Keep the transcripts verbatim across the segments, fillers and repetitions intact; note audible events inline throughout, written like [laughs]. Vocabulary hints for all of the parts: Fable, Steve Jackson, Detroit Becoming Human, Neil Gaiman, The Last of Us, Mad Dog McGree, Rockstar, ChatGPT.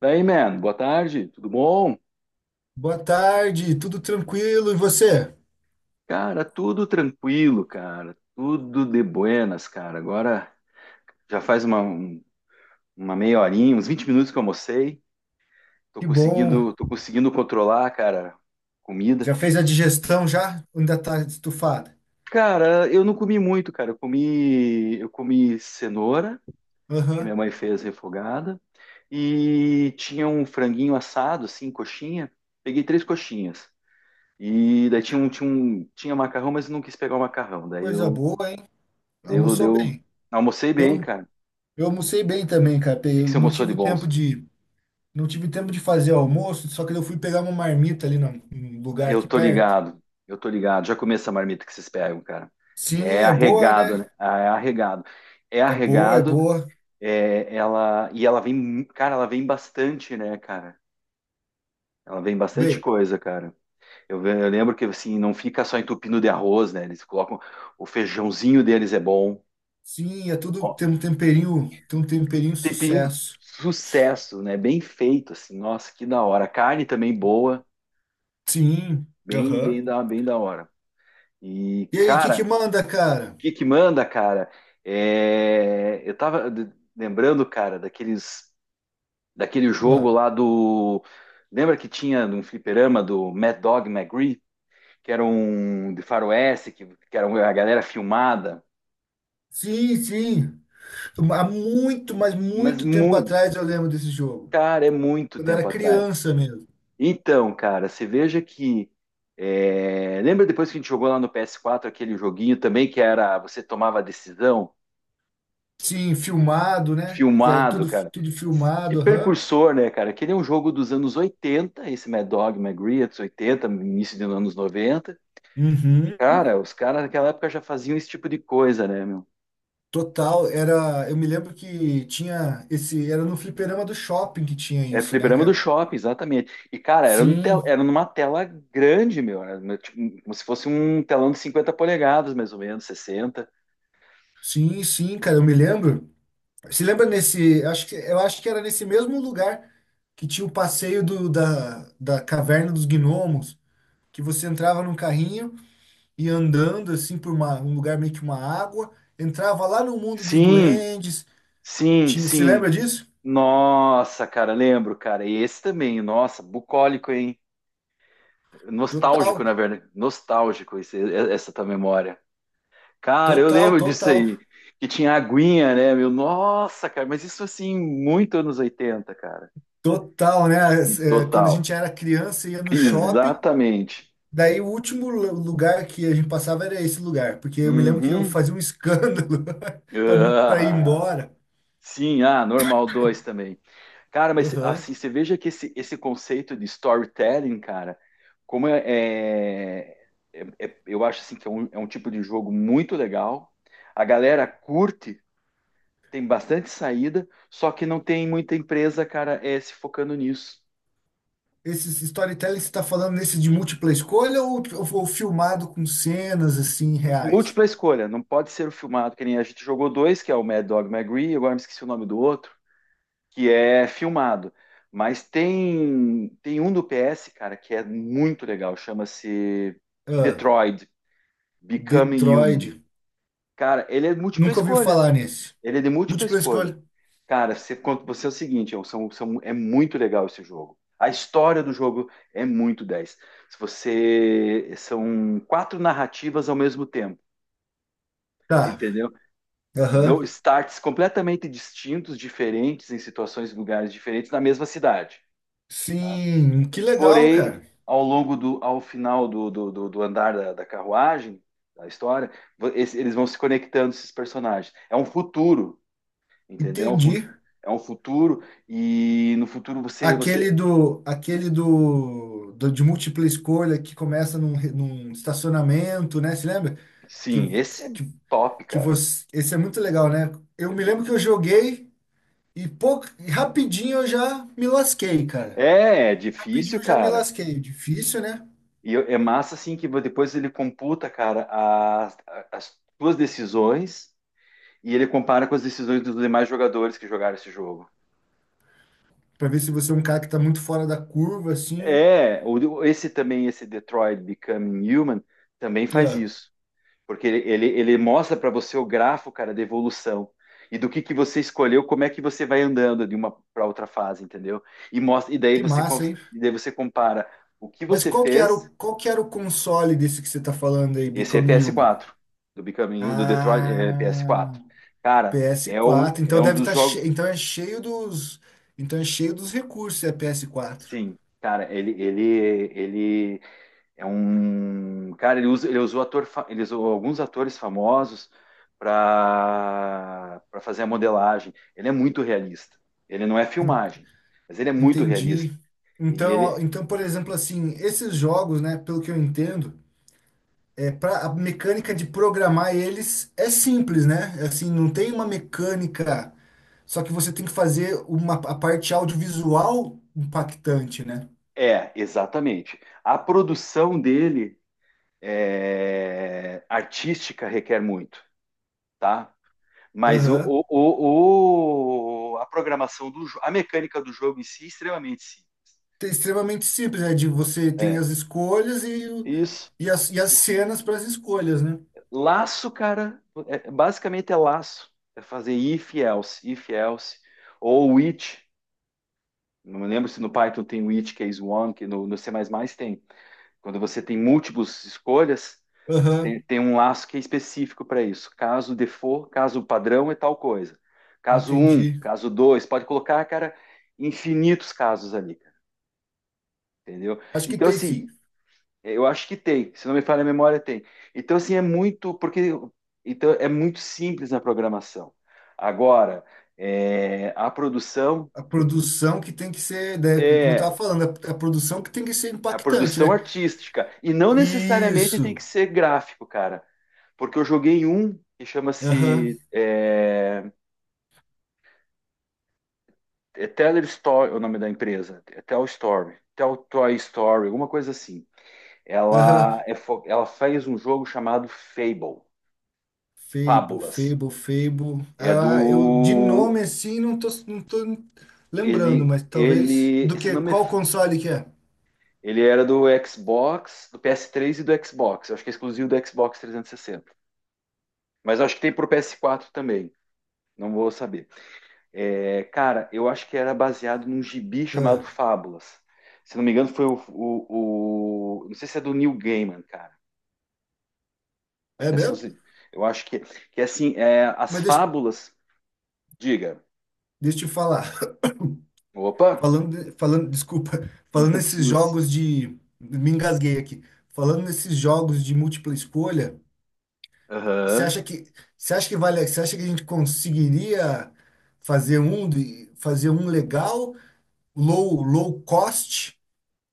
Daí, man, boa tarde, tudo bom? Boa tarde, tudo tranquilo e você? Cara, tudo tranquilo, cara, tudo de buenas, cara. Agora já faz uma, um- uma meia horinha, uns vinte minutos que eu almocei, tô Que bom. conseguindo, tô conseguindo controlar, cara, comida. Já fez a digestão já? Ou ainda tá estufada? Cara, eu não comi muito, cara, eu comi, eu comi cenoura, que minha Aham. mãe fez refogada, e tinha um franguinho assado, assim, coxinha, peguei três coxinhas. E daí tinha um, tinha um, tinha macarrão, mas eu não quis pegar o macarrão. Daí Coisa eu boa, hein? Deu, Almoçou deu. bem. Almocei bem, Eu, cara. O eu almocei bem também, cara. Pe- que Eu que você não almoçou de tive tempo bons? de não tive tempo de fazer almoço, só que eu fui pegar uma marmita ali num num lugar Eu aqui tô perto. ligado, eu tô ligado. Já comi essa marmita que vocês pegam, cara. É Sim, é boa, arregado, né? né? Ah, é arregado. É É boa, é arregado, boa. é, ela, e ela vem, cara, ela vem bastante, né, cara? Ela vem bastante Bem, coisa, cara. Eu, ve- eu lembro que, assim, não fica só entupindo de arroz, né? Eles colocam, o feijãozinho deles é bom. sim, é tudo Ó, tem um temperinho, tem um temperinho tempinho, sucesso. sucesso, né? Bem feito, assim. Nossa, que da hora. A carne também boa, Sim. bem, bem Aham. da, bem da hora. E, E aí, o que cara, que manda, o cara? que que manda, cara? É, eu tava d- lembrando, cara, daqueles, daquele jogo lá do. Lembra que tinha num fliperama do Mad Dog McGree? Que era um de faroeste, que, que era uma- a galera filmada. Sim, sim. Há muito, mas Mas muito tempo muito. atrás eu lembro desse jogo. Cara, é muito Quando eu era tempo atrás. criança mesmo. Então, cara, você veja que. É, lembra depois que a gente jogou lá no P S quatro aquele joguinho também que era você tomava a decisão? Sim, filmado, né? Que era Filmado, tudo, cara. tudo Que filmado, aham. precursor, né, cara? Que ele é um jogo dos anos oitenta, esse Mad Dog, Mad Grits, oitenta, início dos anos noventa. Uhum. Cara, os caras naquela época já faziam esse tipo de coisa, né, meu? Total, era. Eu me lembro que tinha esse. Era no fliperama do shopping que tinha É isso, né, fliperama do cara? shopping, exatamente. E, cara, era, num tel- Sim, era numa tela grande, meu. Era, no- tipo, como se fosse um telão de cinquenta polegadas, mais ou menos, sessenta. sim, sim, cara. Eu me lembro. Se lembra nesse. Acho que, eu acho que era nesse mesmo lugar que tinha o passeio do, da, da Caverna dos Gnomos, que você entrava num carrinho. E andando assim por uma- um lugar meio que uma água, entrava lá no mundo dos Sim, duendes. sim, Tinha, você sim. lembra disso? Nossa, cara, lembro, cara. E esse também, nossa, bucólico, hein? Nostálgico, Total, na verdade. Nostálgico esse- essa tua memória. Cara, eu total, lembro disso total, aí. Que tinha aguinha, né, meu? Nossa, cara, mas isso assim, muito anos oitenta, cara. total, né? E As- é, Quando a total. gente era criança, ia no shopping. Exatamente. Daí o último lu- lugar que a gente passava era esse lugar, porque eu me lembro que eu Uhum. [laughs] fazia um escândalo [laughs] para não, para ir Ah, embora. sim, ah, normal dois também. Cara, mas Aham. assim, você veja que esse, esse conceito de storytelling, cara, como é, é- é- é- eu acho assim que é um, é um, tipo de jogo muito legal. A galera curte. Tem bastante saída, só que não tem muita empresa, cara, é, se focando nisso. Esse storytelling que você está falando nesse de múltipla escolha ou, ou filmado com cenas assim reais? Múltipla escolha, não pode ser o filmado, que nem a gente jogou dois, que é o Mad Dog McGree, agora me esqueci o nome do outro, que é filmado. Mas tem, tem um do P S, cara, que é muito legal, chama-se Ah, Detroit Becoming Human. Detroit. Cara, ele é múltipla Nunca ouviu escolha. falar nesse. Ele é de múltipla Múltipla escolha. escolha. Cara, você, quando- você é o seguinte, é, um- são- são- é muito legal esse jogo. A história do jogo é muito dez. Se você são quatro narrativas ao mesmo tempo, que Tá. entendeu? Que dão Aham. starts completamente distintos, diferentes, em situações e lugares diferentes na mesma cidade. Tá? Sim, que legal, Porém, cara. ao longo do, ao final do, do- do- do andar da, da carruagem, da história, vo- esse- eles vão se conectando esses personagens. É um futuro. Entendeu? É um fu- Entendi. é um futuro e no futuro você, você, Aquele do, aquele do, do- de múltipla escolha que começa num, re- num estacionamento, né? Se lembra? Que, sim, esse é que, top, que cara. Você, esse é muito legal, né? Eu Eu- me eu- lembro que eu joguei e pouco, e rapidinho eu já me lasquei, cara. É, é Rapidinho difícil, eu já me cara. lasquei. Difícil, né? E eu- é massa assim que depois ele computa, cara, as, as tuas decisões e ele compara com as decisões dos demais jogadores que jogaram esse jogo. Pra ver se você é um cara que tá muito fora da curva, assim. É, o- esse também, esse Detroit Become Human também faz É, isso. Porque ele, ele, ele mostra para você o grafo, cara, da evolução. E do que, que você escolheu, como é que você vai andando de uma para outra fase, entendeu? E mostra, e daí que você, massa, cons- hein? e daí você compara o que Mas você qual que era o, fez. qual que era o console desse que você está falando aí, Esse é Becoming Human? P S quatro, do Bicaminho, do Detroit, é, Ah, P S quatro. Cara, ps é um, quatro. é Então um deve dos estar jogos. cheio, então é cheio dos, então é cheio dos recursos, é ps quatro. Sim, cara, ele, ele, ele É um cara, ele usa, ele usou ator, ele usou alguns atores famosos para para fazer a modelagem. Ele é muito realista. Ele não é filmagem, mas ele é muito realista. Entendi. E Então, ele então, por exemplo, assim, esses jogos, né, pelo que eu entendo, é pra, a mecânica de programar eles é simples, né? É, assim, não tem uma mecânica, só que você tem que fazer uma a parte audiovisual impactante, né? é exatamente. A produção dele é, artística requer muito, tá? Mas o, Aham. o, o- o- a programação do jo- a mecânica do jogo em si é extremamente simples. É extremamente simples, é de você tem É, as escolhas e, o- isso. e, as, e as cenas para as escolhas, né? Laço, cara, é- basicamente é laço. É fazer if else, if else, ou which. Não me lembro se no Python tem which, case one, que no, no C++ mais mais tem. Quando você tem múltiplas escolhas, tem, Aham, tem um laço que é específico para isso. Caso default, caso padrão é tal coisa. Caso um, entendi. caso dois, pode colocar, cara, infinitos casos ali, cara, entendeu? Acho que Então, tem assim, sim. eu acho que tem, se não me falha a memória, tem. Então, assim, é muito, porque então é muito simples na programação. Agora, é, a produção A produção que tem que ser, né, como eu é estava falando, a, a produção que tem que ser a impactante, produção né? artística, e não necessariamente tem Isso. que ser gráfico, cara, porque eu joguei um que Aham, chama-se é, é Teller Story, é o nome da empresa, é Tell Story, Tell Toy Story, alguma coisa assim. aham. Ela, é, fo- ela fez um jogo chamado Fable, Fable, Fábulas. Fable, Fable. É Ah, eu de do. nome assim não tô, não tô lembrando, Ele, mas talvez do ele, se que não me, qual console que é? ele era do Xbox, do P S três e do Xbox. Eu acho que é exclusivo do Xbox trezentos e sessenta. Mas eu acho que tem pro P S quatro também. Não vou saber. É, cara, eu acho que era baseado num gibi chamado Ah, Fábulas. Se não me engano, foi o, o, o não sei se é do Neil Gaiman, cara. é mesmo? Eu acho que, que assim, é, as Mas deixa, fábulas, diga. deixa eu te falar. Opa, Falando, falando, desculpa, [laughs] falando [laughs] nesses Suzy. jogos de, me engasguei aqui. Falando nesses jogos de múltipla escolha, você Aham. acha que, você acha que vale, você acha que a gente conseguiria fazer um, de- fazer um legal, low, low cost,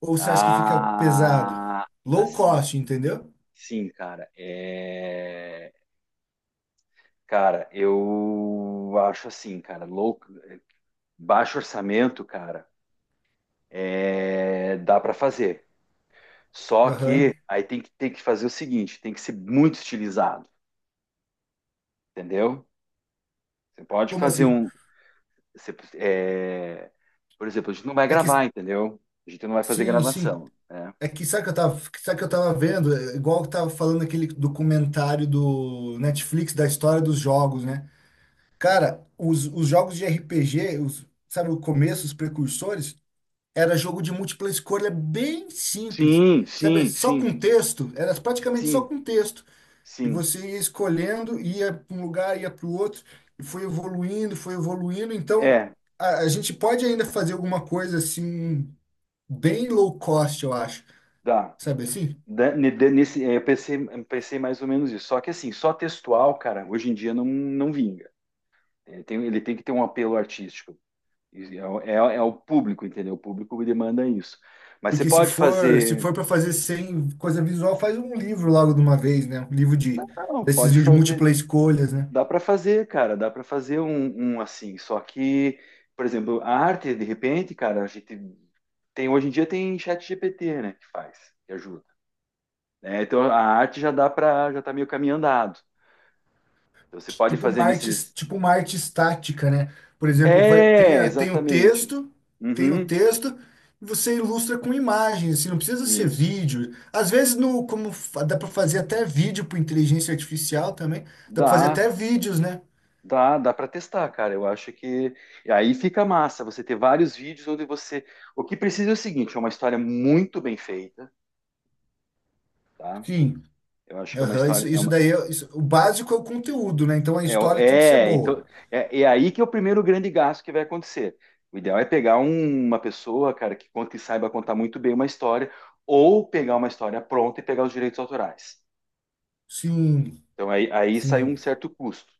ou você acha que fica pesado? Ah, Low assim, cost, entendeu? sim, cara. É... Cara, eu acho assim, cara, louco, baixo orçamento, cara, é... dá para fazer. Só que Aham. aí tem que, tem que, fazer o seguinte, tem que ser muito estilizado, entendeu? Você pode Como fazer assim? um, você- é, por exemplo, a gente não vai É que, gravar, entendeu? A gente não vai fazer sim, sim. gravação, né? É que sabe que eu tava, sabe que eu tava vendo, é igual que eu tava falando aquele documentário do Netflix da história dos jogos, né? Cara, os, os jogos de R P G, os, sabe, o começo, os precursores, era jogo de múltipla escolha bem simples. Sim, Sabe, sim, só sim, com texto, era praticamente só sim, com texto. E sim. você ia escolhendo, ia para um lugar, ia para o outro, e foi evoluindo, foi evoluindo. Então, É, a, a gente pode ainda fazer alguma coisa assim, bem low cost, eu acho. dá. Sabe assim? Da- ne- de- Nesse, é, eu pensei, eu pensei mais ou menos isso. Só que assim, só textual, cara, hoje em dia não, não vinga. Ele tem, ele tem que ter um apelo artístico. E É, o- é, o é o público, entendeu? O público demanda isso. Mas você Porque se pode for, se fazer. for para fazer sem coisa visual, faz um livro logo de uma vez, né? Um livro de, Não, desses pode de fazer. múltipla escolhas, né? Dá para fazer, cara. Dá para fazer um, um assim. Só que, por exemplo, a arte, de repente, cara, a gente tem hoje em dia tem chat G P T, né, que faz, que ajuda. Né? Então a arte já dá para, já tá meio caminho andado. Então, você pode Tipo uma fazer arte, nesses. tipo uma arte estática, né? Por exemplo, vai- tem, É, a- tem o exatamente. texto, tem o Uhum, texto, e você ilustra com imagens, assim, não precisa ser isso. vídeo. Às vezes, no, como fa- dá para fazer até vídeo por inteligência artificial também, dá para fazer Dá, até vídeos, né? dá, dá para testar, cara. Eu acho que e aí fica massa você ter vários vídeos onde você. O que precisa é o seguinte, é uma história muito bem feita, tá? Sim. Eu acho que é uma Aham, história isso, é isso uma- daí, é- isso- o básico é o conteúdo, né? Então a é, história tem que ser é, boa. então é, é aí que é o primeiro grande gasto que vai acontecer. O ideal é pegar um- uma pessoa, cara, que conta e saiba contar muito bem uma história, ou pegar uma história pronta e pegar os direitos autorais. Sim, Então aí, aí sai um sim. certo custo,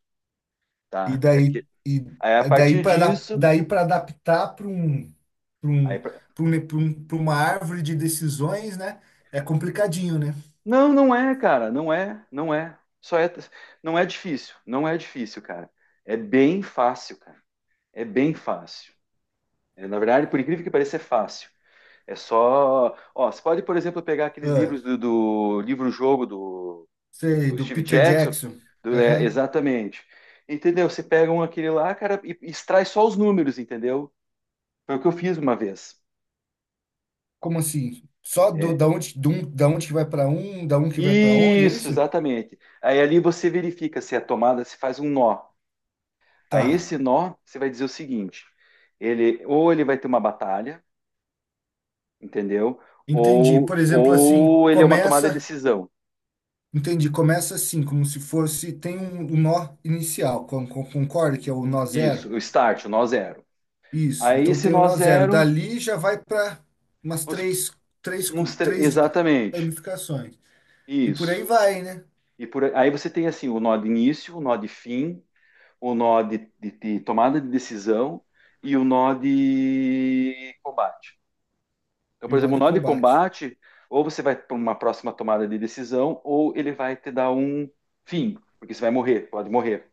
E tá? daí, e Aí a daí partir para disso, daí para adaptar para um, para aí um, para um, pra um- pra uma árvore de decisões, né? É complicadinho, né? não, não é, cara, não é, não é. Só é, não é difícil, não é difícil, cara. É bem fácil, cara. É bem fácil. É, na verdade, por incrível que pareça, é fácil. É só, ó, você pode, por exemplo, pegar aqueles Ah, livros do, do livro-jogo do, sei, do do Steve Peter Jackson, Jackson. do- é, Aham. exatamente. Entendeu? Você pega um aquele lá, cara, e extrai só os números, entendeu? Foi o que eu fiz uma vez. Como assim? Só do, É, da onde, do, um- da onde que vai para um, da um que vai para onde, é isso, isso? exatamente. Aí ali você verifica se a tomada se faz um nó. Aí Tá. esse nó, você vai dizer o seguinte: ele ou ele vai ter uma batalha, entendeu? Entendi. Por Ou, exemplo, assim, ou ele é uma tomada de começa. decisão. Entendi, começa assim, como se fosse. Tem um, um nó inicial, con- con- concorda que é o nó zero? Isso, o start, o nó zero. Isso, Aí então esse tem o nó nó zero. zero, Dali já vai para umas vamos sup- três, três, cu- uns tre- três exatamente, ramificações. E por aí isso. vai, né? E por aí aí você tem assim o nó de início, o nó de fim, o nó de, de de tomada de decisão e o nó de combate. Então, E por o nó exemplo, um de nó de combate. combate, ou você vai para uma próxima tomada de decisão, ou ele vai te dar um fim, porque você vai morrer, pode morrer.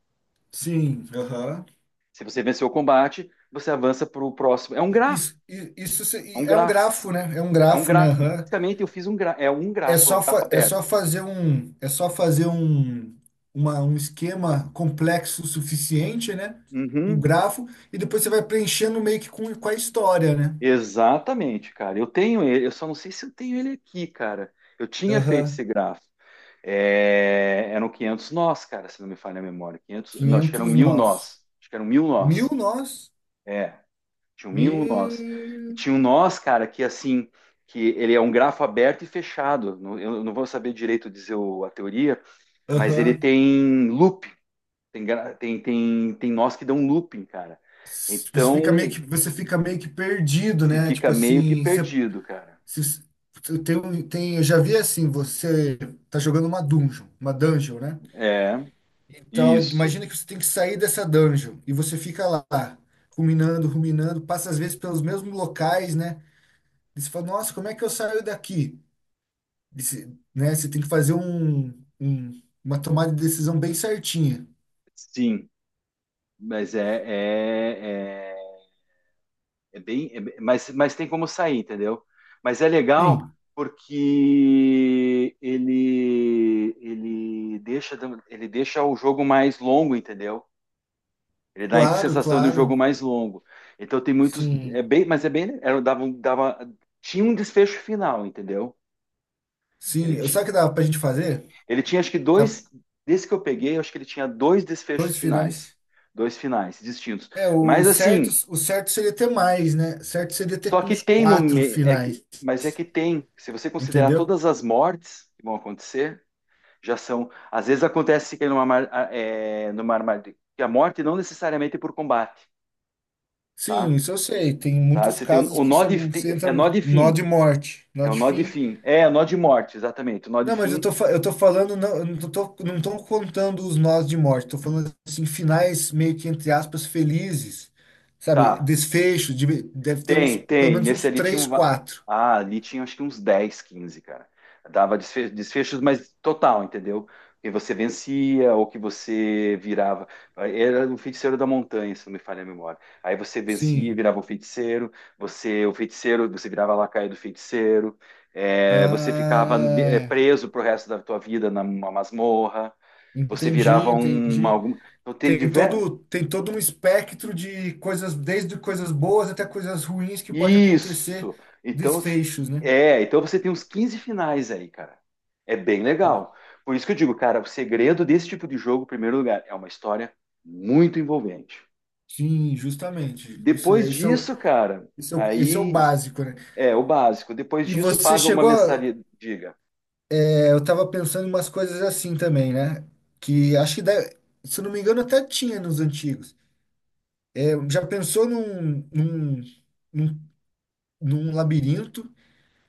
Sim, aham. Se você venceu o combate, você avança para o próximo. É um I- grafo, Isso, i- isso se- é i- um é um grafo, grafo, né? É um é um grafo, né? grafo. Aham. Basicamente, eu fiz um grafo, é um É grafo, é um só, grafo fa- é só aberto. fazer um, é só fazer um, uma, um esquema complexo o suficiente, né? Um Uhum, grafo, e depois você vai preenchendo meio que com, com a história, né? exatamente, cara. Eu tenho ele, eu só não sei se eu tenho ele aqui, cara. Eu tinha feito Aham. esse grafo. É, eram quinhentos nós, cara, se não me falha a memória. quinhentos, não, acho que eram quinhentos mil nós. nós. Acho que eram mil Mil nós. nós? É, tinha um E... mínimo nós. E tinha um nós, cara, que assim, que ele é um grafo aberto e fechado. Não- Eu não vou saber direito dizer o- a teoria, mas ele Aham. tem loop tem, gra- tem, tem, tem nós que dão looping, cara. Você fica meio que, Então, você fica meio que perdido, se né? fica Tipo meio que assim, você, perdido, cara. se- se- tem, um- tem, eu já vi assim, você tá jogando uma dungeon, uma dungeon, né? É, Então, isso, imagina que você tem que sair dessa dungeon e você fica lá, ruminando, ruminando, passa às vezes pelos mesmos locais, né? E você fala, nossa, como é que eu saio daqui? E você, né? Você tem que fazer um, um- uma tomada de decisão bem certinha. sim. Mas é, é, é É bem, é bem- mas, mas tem como sair, entendeu? Mas é legal Sim, porque ele ele deixa ele deixa o jogo mais longo, entendeu? Ele dá a claro, sensação de um claro. jogo mais longo. Então tem muitos é Sim. bem, mas é bem era dava, um- dava tinha um desfecho final, entendeu? Ele Sim, eu- tinha, sabe o que dava pra gente fazer? ele tinha acho que Dá dois desse que eu peguei, eu acho que ele tinha dois dois desfechos finais, finais. dois finais distintos. É, o Mas certo, assim, o certo seria ter mais, né? Certo seria ter Só que uns tem no quatro me- é finais, que, mas é que tem, se você considerar entendeu? todas as mortes que vão acontecer, já são, às vezes acontece que é numa mar- a- é, numa armadilha, que a morte não necessariamente é por combate, tá? Sim, isso eu sei. Tem Tá? muitos Você tem o, casos o que nó você, de você tem- entra é nó no de nó fim, de morte, nó é o de nó de fim. fim, é, é nó de morte, exatamente, o nó de Não, mas eu fim, tô, fa- eu tô falando, não, eu não tô, não tô contando os nós de morte. Tô falando assim, finais meio que, entre aspas, felizes. Sabe? tá? Desfecho, de- deve ter uns, Tem, pelo tem. menos Nesse uns ali tinha três, um. va- quatro. Ah, ali tinha acho que uns dez quinze cara. Dava desfe- desfechos, mas total, entendeu? Que você vencia ou que você virava. Era um feiticeiro da montanha, se não me falha a memória. Aí você vencia, Sim. virava um feiticeiro. Você, o feiticeiro, você virava a lacaio do feiticeiro. É, você ficava eh, Ah. preso pro resto da tua vida numa masmorra. Você Entendi, virava um. entendi. Algum... Então tem Tem todo, diversos. tem todo um espectro de coisas, desde coisas boas até coisas ruins que pode acontecer, Isso. Então, desfechos, né? é, então você tem uns quinze finais aí, cara. É bem legal. Por isso que eu digo, cara, o segredo desse tipo de jogo, em primeiro lugar, é uma história muito envolvente. Sim, justamente. Isso, Depois é- isso, é o- disso, cara, isso, é o- isso é o aí básico, né? é o básico. Depois E disso, você paga uma chegou a, mensalidade. Diga. é, eu tava pensando em umas coisas assim também, né? Que acho que, deve- se eu não me engano, até tinha nos antigos. É, já pensou num, num, num, num labirinto?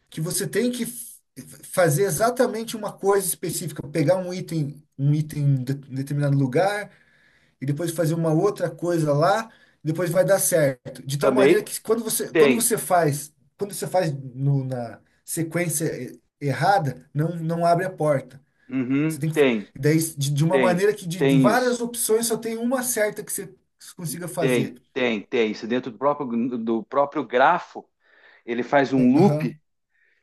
Que você tem que f- fazer exatamente uma coisa específica, pegar um item, um item em de- em determinado lugar e depois fazer uma outra coisa lá, depois vai dar certo. De tal maneira Também que quando você, quando tem. você faz, quando você faz no- na sequência e- errada, não, não abre a porta. Você Uhum, tem que, fa- tem, daí, de, de uma tem, maneira que de, de tem isso. várias opções só tem uma certa que você consiga Tem, fazer. tem, tem. Isso dentro do próprio, do próprio grafo, ele faz um loop Aham,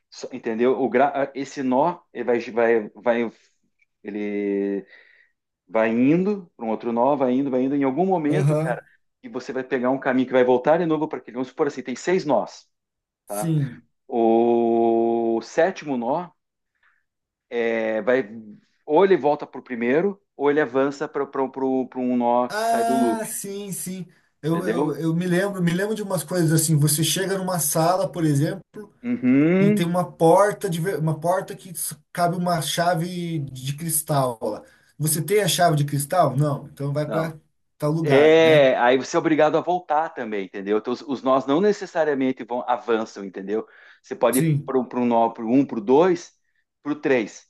Só- Entendeu? O gra... Esse nó ele vai, vai, vai, ele vai indo para um outro nó, vai indo, vai indo. Em algum momento, aham, cara, e você vai pegar um caminho que vai voltar de novo para aquele. Vamos supor assim, tem seis nós, tá? sim. O sétimo nó é, vai ou ele volta para o primeiro, ou ele avança para um nó que sai do Ah, loop, sim, sim. Eu, eu, entendeu? eu me lembro, me lembro de umas coisas assim. Você chega numa sala, por exemplo, e tem Uhum. uma porta de, ver- uma porta que s- cabe uma chave de cristal lá. Você tem a chave de cristal? Não. Então vai Não. para tal lugar, né? É, aí você é obrigado a voltar também, entendeu? Então, os, os nós não necessariamente vão avançam, entendeu? Você pode ir Sim. para um nó, para um, para o dois, para o três,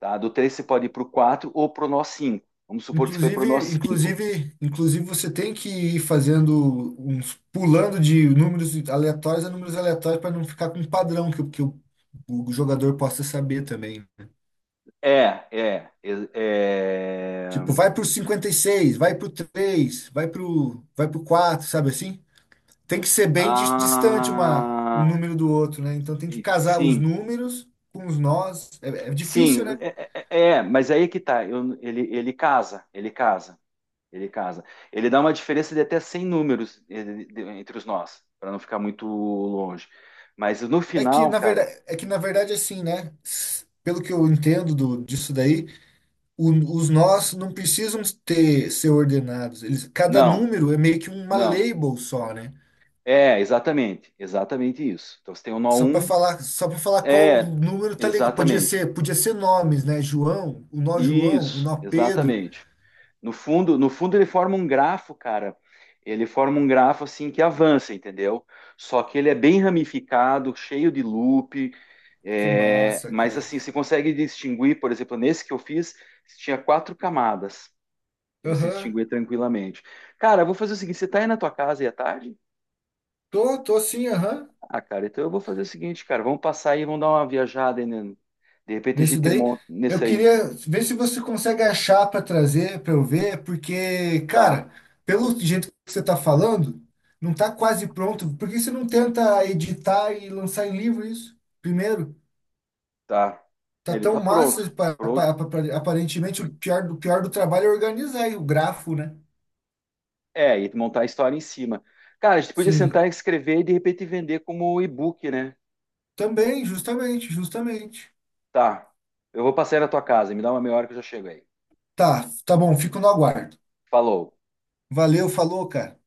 tá? Do três você pode ir para o quatro ou para o nó cinco. Vamos supor que você foi para o nó Inclusive, cinco. inclusive, inclusive você tem que ir fazendo uns pulando de números aleatórios a números aleatórios para não ficar com um padrão que, o- que o, o jogador possa saber também, né? É, é, é, é... Tipo, vai pro cinquenta e seis, vai pro três, vai pro, vai pro quatro, sabe assim? Tem que ser bem dis- distante uma, um Ah, número do outro, né? Então tem que casar os sim, números com os nós. É, é difícil, sim, né? é, é, é, mas aí é que tá, eu- ele, ele casa, ele casa. Ele casa. Ele dá uma diferença de até cem números eh, de- entre os nós, para não ficar muito longe. Mas no É que final, na cara, verdade, é que na verdade assim, né? S- Pelo que eu entendo do, disso daí, o- os nós não precisam ter ser ordenados. Eles, cada não, número é meio que uma não. label só, né? É, exatamente, exatamente isso. Então você tem o nó Só para um, falar, só para falar qual é, número tá ligado. Podia exatamente. ser, podia ser nomes, né? João, o nó João, o Isso, nó Pedro. exatamente. No fundo, no fundo ele forma um grafo, cara. Ele forma um grafo assim que avança, entendeu? Só que ele é bem ramificado, cheio de loop. Que É, massa, mas cara. assim, você consegue distinguir, por exemplo, nesse que eu fiz, tinha quatro camadas que você Aham. distinguia tranquilamente. Cara, eu vou fazer o seguinte: você tá aí na tua casa e à tarde? Tô, tô sim, aham. Ah, cara, então eu vou fazer o seguinte, cara, vamos passar aí, vamos dar uma viajada aí, né? De repente a Nesse gente daí. monta Eu nesse aí. queria ver se você consegue achar para trazer, para eu ver, porque, cara, Tá, pelo jeito que você tá falando, não tá quase pronto. Por que você não tenta editar e lançar em livro isso? Primeiro, tá. É, tá ele tão tá pronto. massa, pa- pa- Pronto. pa- aparentemente o pior do, pior do trabalho é organizar aí o grafo, né? É, e montar a história em cima. Cara, a gente podia Sim. sentar e escrever e de repente vender como e-book, né? Também, justamente, justamente. Tá. Eu vou passar aí na tua casa, me dá uma meia hora que eu já chego aí. Tá, tá bom, fico no aguardo. Falou. Valeu, falou, cara.